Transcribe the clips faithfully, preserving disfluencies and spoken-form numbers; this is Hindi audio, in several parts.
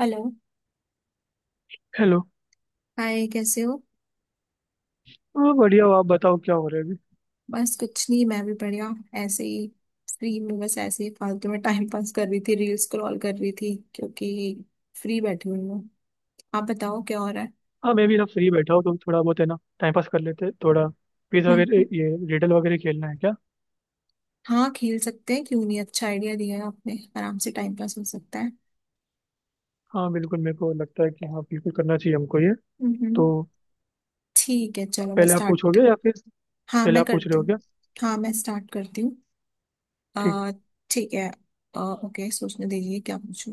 हेलो। हेलो। हाय, कैसे हो? हाँ, बढ़िया हो। आप बताओ, क्या हो रहा है अभी? बस कुछ नहीं, मैं भी बढ़िया, ऐसे ही। फ्री में बस ऐसे ही फालतू में टाइम पास कर रही थी, रील्स स्क्रॉल कर रही थी क्योंकि फ्री बैठी हुई हूँ। आप बताओ क्या हो रहा है। हाँ, मैं भी ना फ्री बैठा हूँ, तो थोड़ा बहुत है ना टाइम पास कर लेते हैं थोड़ा। क्विज हम्म हम्म। वगैरह, ये रिडल वगैरह खेलना है क्या? हाँ, खेल सकते हैं, क्यों नहीं। अच्छा आइडिया दिया है आपने, आराम से टाइम पास हो सकता है। हाँ बिल्कुल, मेरे को लगता है कि हाँ बिल्कुल करना चाहिए हमको ये। हम्म। तो ठीक है, चलो मैं पहले आप स्टार्ट। पूछोगे या फिर? हाँ पहले मैं आप पूछ रहे करती हो हूँ। क्या? हाँ मैं स्टार्ट करती हूँ। अ, ठीक। ठीक है। अ, ओके, सोचने दीजिए क्या पूछूं।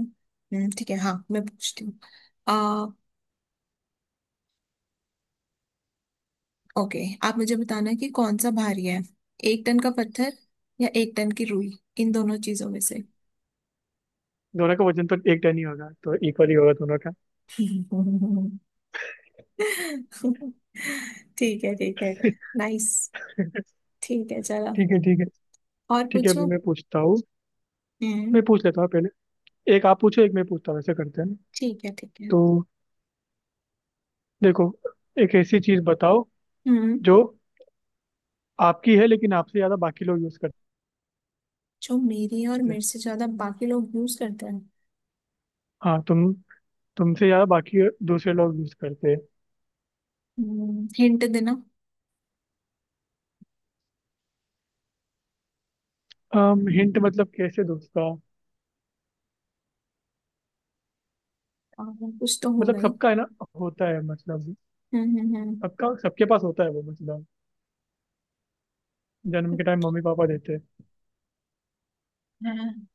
हम्म, ठीक है, हाँ मैं पूछती हूँ। ओके, आप मुझे बताना कि कौन सा भारी है, एक टन का पत्थर या एक टन की रुई, इन दोनों चीजों में से। दोनों का वजन तो एक टन ही होगा, तो इक्वल ही होगा दोनों का। ठीक है ठीक है। नाइस। ठीक है चलो। ठीक है, ठीक है। और ठीक है, पूछो। अभी मैं पूछता हूँ। हम्म। मैं पूछ लेता हूँ पहले। एक आप पूछो, एक मैं पूछता हूँ, ऐसे करते हैं। ठीक है ठीक है। तो देखो, एक ऐसी चीज बताओ हम्म। जो आपकी है लेकिन आपसे ज्यादा बाकी लोग यूज जो मेरे और करते हैं। मेरे से ज्यादा बाकी लोग यूज करते हैं। हाँ, तुम तुमसे ज्यादा बाकी दूसरे लोग यूज करते हम्म, हिंट देना। हैं। हिंट मतलब कैसे दोस्ता? और कुछ तो होगा मतलब ही। सबका है ना। होता है मतलब। हम्म हम्म हम्म। सबका, सबके पास होता है वो, मतलब जन्म के कुछ- टाइम मम्मी पापा देते हैं। हाँ।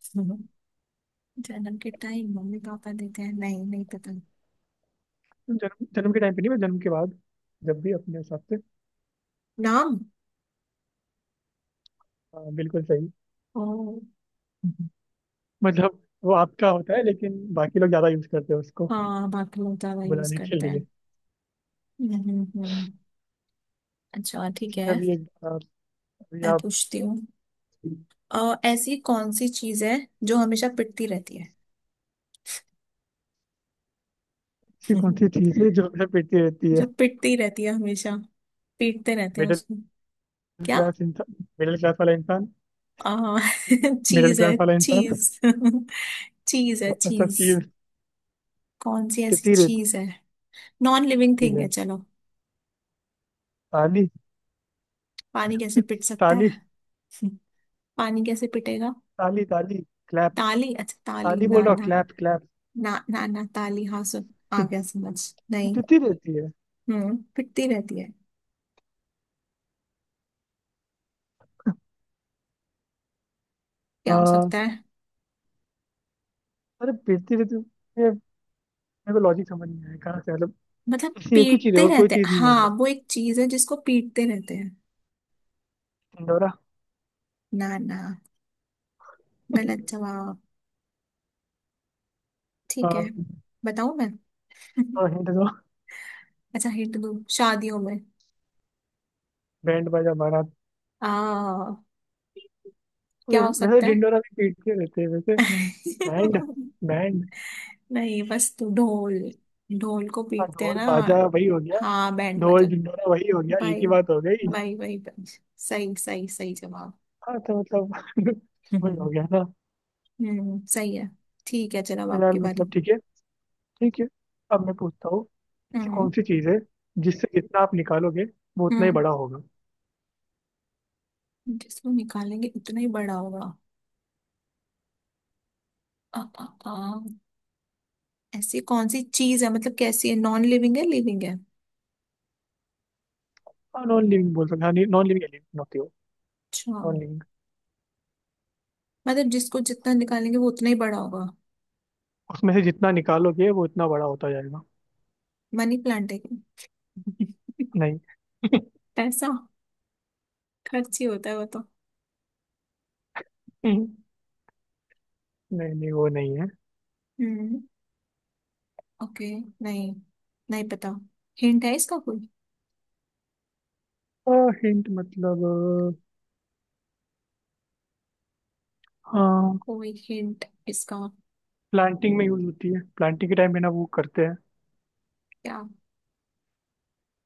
जन्म के टाइम मम्मी पापा देते हैं? नहीं, नहीं पता। जन्म जन्म के टाइम पे नहीं, बस जन्म के बाद, जब भी अपने हिसाब से। नाम। हाँ, बिल्कुल सही। ओ। मतलब वो आपका होता है लेकिन बाकी लोग ज्यादा यूज करते हैं उसको हाँ, बाकी लोग ज्यादा यूज बुलाने के करते लिए। हैं। हम्म हम्म। अच्छा, ठीक ठीक है। है। अभी एक आप- अभी मैं आप। पूछती हूँ। अ, ऐसी कौन सी चीज है जो हमेशा पिटती रहती है? ऐसी कौन सी चीज है जो हमेशा पीटती रहती है? जो पिटती रहती है हमेशा, पीटते रहते हैं मिडिल उसको। क्या? क्लास इंसान। मिडिल क्लास वाला इंसान। आ, मिडिल चीज है, क्लास वाला इंसान। चीज। चीज है, अच्छा, चीज। चीज। कौन सी ऐसी पीटती रहती चीज है, नॉन लिविंग थिंग है, है। चलो। ताली। पानी कैसे पिट सकता ताली, है? पानी कैसे पिटेगा? ताली, ताली, क्लैप। ताली? अच्छा ताली, ताली बोल ना रहा हूँ, ना। Clap, clap. ना ना ना ताली, हाँ, सुन आ गया समझ। नहीं। पिटती रहती है। हम्म, पिटती रहती है, क्या हो आ, सकता है? अरे, पिटती रहती है ये। मेरे को लॉजिक समझ नहीं आया कहाँ से मतलब। मतलब ऐसी एक ही चीज है पीटते और कोई रहते हैं, चीज नहीं हाँ मतलब। वो एक चीज है जिसको पीटते रहते हैं। ढिंडोरा। ना ना, गलत जवाब। ठीक है, बताऊं मैं? और हिंट दो। अच्छा, हिंट दूं, शादियों में बैंड बाजा बारात। आ क्या वै- हो वैसे सकता है? ढिंडोरा भी पीटते रहते हैं वैसे। बैंड। बैंड। नहीं, बस तू ढोल, ढोल को हाँ, पीटते हैं ढोल ना। बाजा वही हो गया। हाँ बैंड ढोल बाजन। ढिंडोरा वही हो गया, एक भाई, ही बात हो गई। भाई भाई भाई, सही सही सही जवाब। हाँ तो मतलब वही हो गया ना। हम्म, सही है। ठीक है, चल अब तो यार आपकी बारी। मतलब ठीक है। ठीक है, अब मैं पूछता हूँ। ऐसी हम्म। कौन सी चीज़ है जिससे जितना आप निकालोगे वो उतना ही हम्म, बड़ा होगा? जिसको निकालेंगे उतना ही बड़ा होगा। आ, आ, आ, ऐसी कौन सी चीज है, मतलब कैसी है, नॉन लिविंग है, लिविंग है? हाँ, नॉन लिविंग बोल सकते हैं। हाँ, नॉन लिविंग एलिमेंट होती हो। अच्छा। Non living. मतलब जिसको जितना निकालेंगे वो उतना ही बड़ा होगा। उसमें से जितना निकालोगे वो उतना बड़ा होता जाएगा। मनी प्लांट है क्या? नहीं। पैसा खर्च ही होता है वो तो। नहीं, नहीं वो नहीं है। हम्म, ओके। नहीं, नहीं पता। हिंट है इसका कोई? हिंट मतलब अ, हाँ। कोई हिंट इसका। प्लांटिंग में यूज होती है, प्लांटिंग के टाइम में ना वो करते हैं। क्या?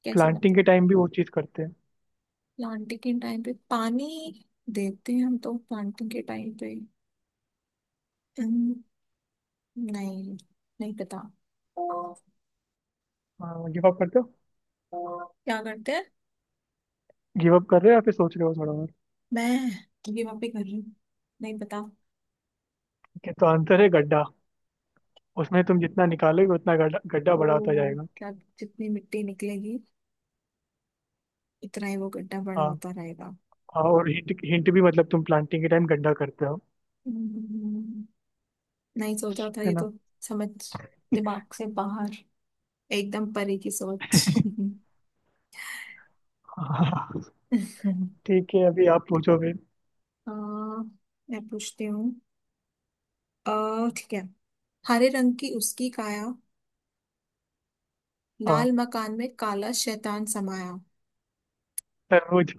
कैसे लगता प्लांटिंग के है? टाइम भी वो चीज़ करते हैं। प्लांटिंग के टाइम पे पानी देते हैं हम तो प्लांटिंग के टाइम पे। अम्म, नहीं, नहीं पता। गिव अप करते हो? क्या करते हैं? गिव अप कर रहे हो या फिर सोच रहे हो थोड़ा बहुत? मैं गिव अप ही कर रही हूँ, नहीं पता। ठीक है, तो आंसर है गड्ढा। उसमें तुम जितना निकालोगे उतना गड्ढा, गड्ढा ओ, बड़ा होता जाएगा। क्या? जितनी मिट्टी निकलेगी इतना ही वो गड्ढा बड़ा हाँ, होता रहेगा। हाँ। और हिंट, हिंट भी मतलब तुम प्लांटिंग के टाइम गड्ढा करते हो। हम्म, नहीं सोचा था है ये ना? तो। समझ, दिमाग से बाहर, एकदम परे की सोच। हाँ, ठीक है, अभी आप पूछो फिर। आ, मैं पूछती हूँ। अ, ठीक है। हरे रंग की उसकी काया, हाँ, लाल मकान में काला शैतान समाया। तरबूज।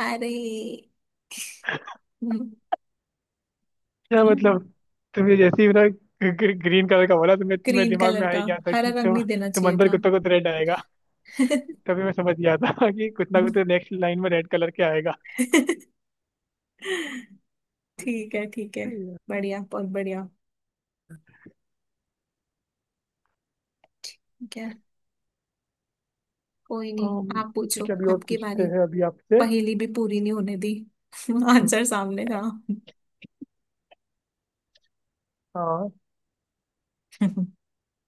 अरे! क्या मतलब? तुमने जैसे ही मेरा ग्रीन कलर का बोला तो मैं, मेरे ग्रीन दिमाग कलर में आ का, ही गया था हरा कि रंग तुम नहीं देना तुम चाहिए अंदर था। कुत्ता को तो रेड आएगा। तभी मैं समझ गया था कि कुछ ना कुछ तो नेक्स्ट लाइन में रेड कलर के आएगा। ठीक है ठीक है। सही है। बढ़िया, बहुत बढ़िया। ठीक है, कोई नहीं। अम, आप पूछो, ठीक है, अभी और आपकी पूछते बारी। हैं अभी आपसे। पहेली भी पूरी नहीं होने दी, हम्म, आंसर सामने था। हाँ।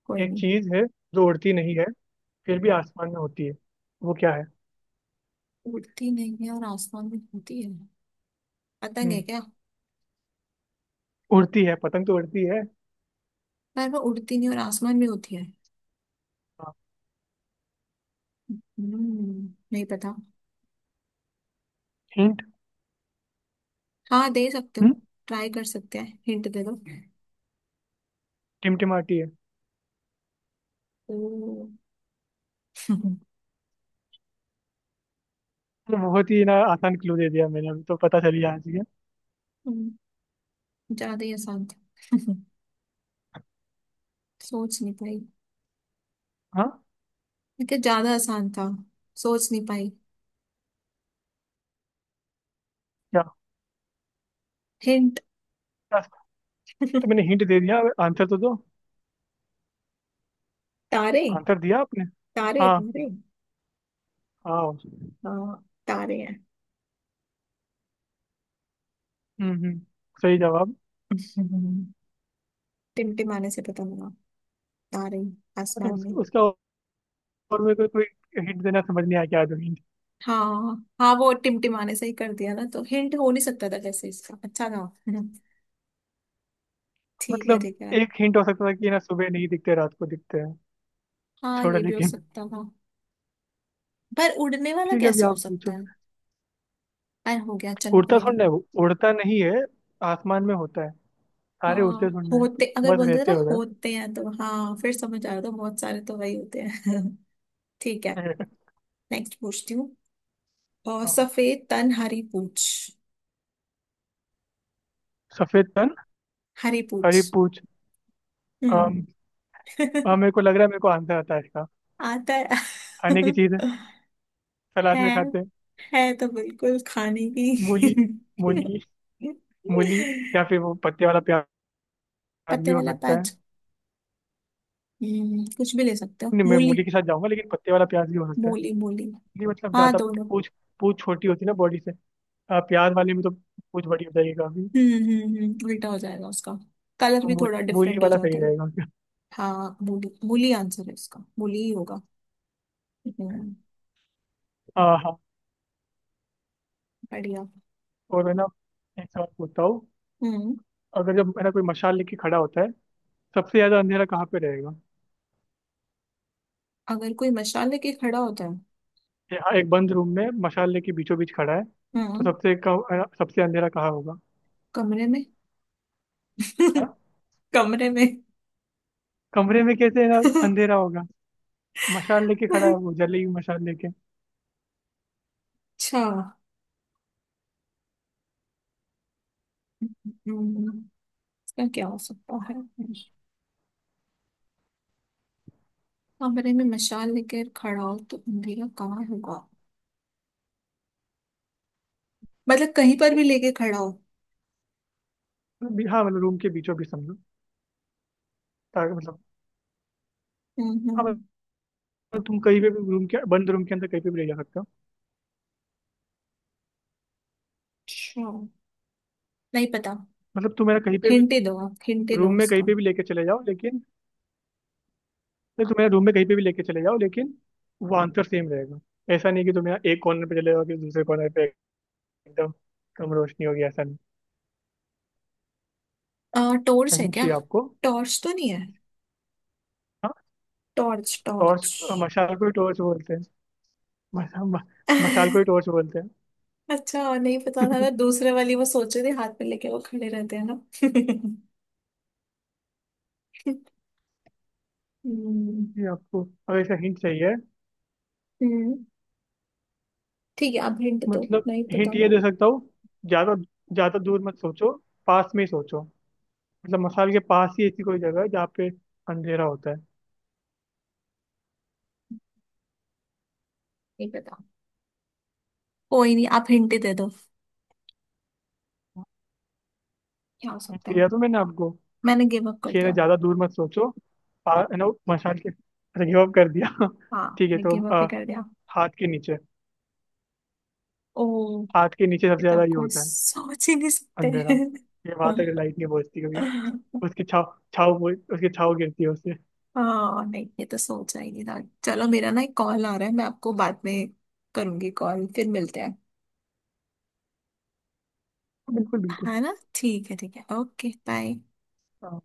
कोई एक नहीं। चीज है जो उड़ती नहीं है फिर भी आसमान में होती है, वो क्या है? उड़ती नहीं है और आसमान में होती है, पतंग है हम्म, क्या? उड़ती है पतंग तो उड़ती है। पर वो उड़ती नहीं और आसमान में होती है? हाँ, हम्म, नहीं पता। हिंट। हाँ, दे सकते हो, ट्राई कर सकते हैं, हिंट दे दो। टिमटिमाती है। ओ। हम्म, तो बहुत ही ना आसान क्लू दे दिया मैंने, अभी तो पता चली जाना चाहिए। ज्यादा ही आसान था। सोच नहीं पाई, हाँ। लेकिन ज्यादा आसान था, सोच नहीं पाई। क्या? हिंट। क्या- तो मैंने हिंट दे दिया, आंसर तो दो। तारे। आंसर दिया आपने? तारे हाँ, तारे। हाँ। हाँ, तारे हैं। हम्म, हम्म, सही जवाब। हम्म। टिमटिमाने से पता लगा, तारे मतलब आसमान उस, में। उसका और मेरे को कोई हिंट देना समझ नहीं आया, क्या दो हिंट। हाँ हाँ, वो टिमटिमाने से ही कर दिया ना, तो हिंट हो नहीं सकता था कैसे इसका, अच्छा था। हम्म, ठीक है मतलब ठीक है। एक हिंट हो सकता था कि ना, सुबह नहीं दिखते, रात को दिखते हैं। हाँ, छोड़ो ये भी हो लेकिन। सकता था। पर उड़ने वाला ठीक है, अभी कैसे हो आप सकता पूछो। है? अरे, हो गया, चलो उड़ता कोई नहीं। थोड़ा है, वो उड़ता नहीं है, आसमान में होता है। आ, सारे उड़ते थोड़ा है, होते अगर बस बोल देते रहते ना, हो गए। होते हैं तो हाँ फिर समझ आया, तो बहुत सारे तो वही होते हैं। ठीक है। नेक्स्ट पूछती हूँ। और हाँ। सफेद तन, हरी पूछ। सफेद तन हरी पूछ। हरी पूछ। हम्म। हाँ, मेरे को लग रहा है मेरे को आंसर आता है इसका। आता है। खाने की चीज़ है, है सलाद में खाते हैं। है तो बिल्कुल खाने की। मूली। मूली। मूली या फिर वो पत्ते वाला प्याज भी पत्ते हो वाला सकता है। पैच। हम्म, कुछ भी ले सकते हो, नहीं, मैं मूली। मूली के साथ जाऊंगा, लेकिन पत्ते वाला प्याज भी हो सकता है। मूली मूली। नहीं मतलब हाँ ज़्यादा दोनों। पूछ, पूछ छोटी होती है ना बॉडी से। हाँ, प्याज वाले में तो पूछ बड़ी हो जाएगी काफी। हम्म हम्म हम्म, उल्टा हो जाएगा उसका, कलर भी तो थोड़ा मूली, मूली डिफरेंट हो वाला सही जाता है। रहेगा। हाँ, मूली मूली आंसर है इसका, मूली ही होगा। हम्म, हाँ, हाँ। बढ़िया। और है ना, एक सवाल पूछता हूँ। हम्म। अगर, जब है ना कोई मशाल लेके खड़ा होता है, सबसे ज़्यादा अंधेरा कहाँ पे रहेगा? अगर कोई मशाल लेके खड़ा होता है। यहाँ एक बंद रूम में मशाल लेके बीचों बीच खड़ा है, तो हम्म। सबसे कम है ना, सबसे अंधेरा कहाँ होगा? कमरे में। हाँ? कमरे में। कमरे में कैसे है ना अंधेरा होगा? मशाल लेके खड़ा है वो, जलेगी मशाल लेके। अच्छा। हम्म, इसका क्या हो सकता है? कमरे में मशाल लेकर खड़ा हो तो अंधेरा कहाँ होगा, मतलब कहीं पर भी लेके खड़ा हो। मतलब भी- हाँ, मतलब रूम के बीचों बीच समझो, ताकि मतलब, हम्म हाँ, हम्म। मतलब तुम कहीं पे भी रूम के, बंद रूम के अंदर कहीं पे भी ले जा सकते हो। अच्छा, नहीं पता। मतलब तुम मेरा कहीं पे भी हिंटे दो, आप हिंटे रूम दो में कहीं इसका। पे भी लेके चले जाओ लेकिन, मतलब तुम मेरा रूम में कहीं पे भी लेके चले जाओ लेकिन वो आंसर सेम रहेगा। ऐसा नहीं कि तुम मेरा एक कॉर्नर पे चले जाओ कि दूसरे कॉर्नर पे एकदम कम रोशनी होगी, ऐसा नहीं। टॉर्च है कहीं क्या? चाहिए आपको। टॉर्च तो नहीं है। हाँ, टॉर्च टॉर्च? टॉर्च। मशाल को ही टॉर्च बोलते हैं। मशा, म, मशाल को ही टॉर्च बोलते हैं। अच्छा, और नहीं पता था, मैं दूसरे वाली वो सोच रही थी हाथ में लेके वो खड़े रहते हैं ना। हम्म। ये आपको अगर ऐसा हिंट चाहिए। हम्म, ठीक है, आप हिंट दो, मतलब नहीं पता। हिंट ये दे सकता हूँ, ज्यादा, ज्यादा दूर मत सोचो, पास में ही सोचो। मतलब मसाल के पास ही ऐसी कोई जगह है जहाँ पे अंधेरा होता है। नहीं पता, कोई नहीं, आप हिंट दे दो, क्या हो Hint सकता है? दिया तो मैंने आपको मैंने गिव अप कर कि है ना दिया। ज्यादा दूर मत सोचो। पा- है ना, मसाल के अच्छा, गिव अप कर दिया। हाँ, ठीक है, मैंने तो गिव अप ही अ, कर दिया। हाथ के नीचे। ओ, हाथ के नीचे सबसे ये तो ज्यादा ये कोई होता है, सोच ही नहीं सकते। अंधेरा। ये वहां तक लाइट नहीं पहुंचती कभी। उसकी छाव। छाव पहुंच- उसकी छाव गिरती है उससे। हाँ, नहीं, ये तो सोचा ही नहीं था। चलो मेरा ना एक कॉल आ रहा है, मैं आपको बाद में करूंगी कॉल, फिर मिलते हैं। बिल्कुल, बिल्कुल। है ना, ठीक है ठीक है, ओके बाय। हाँ,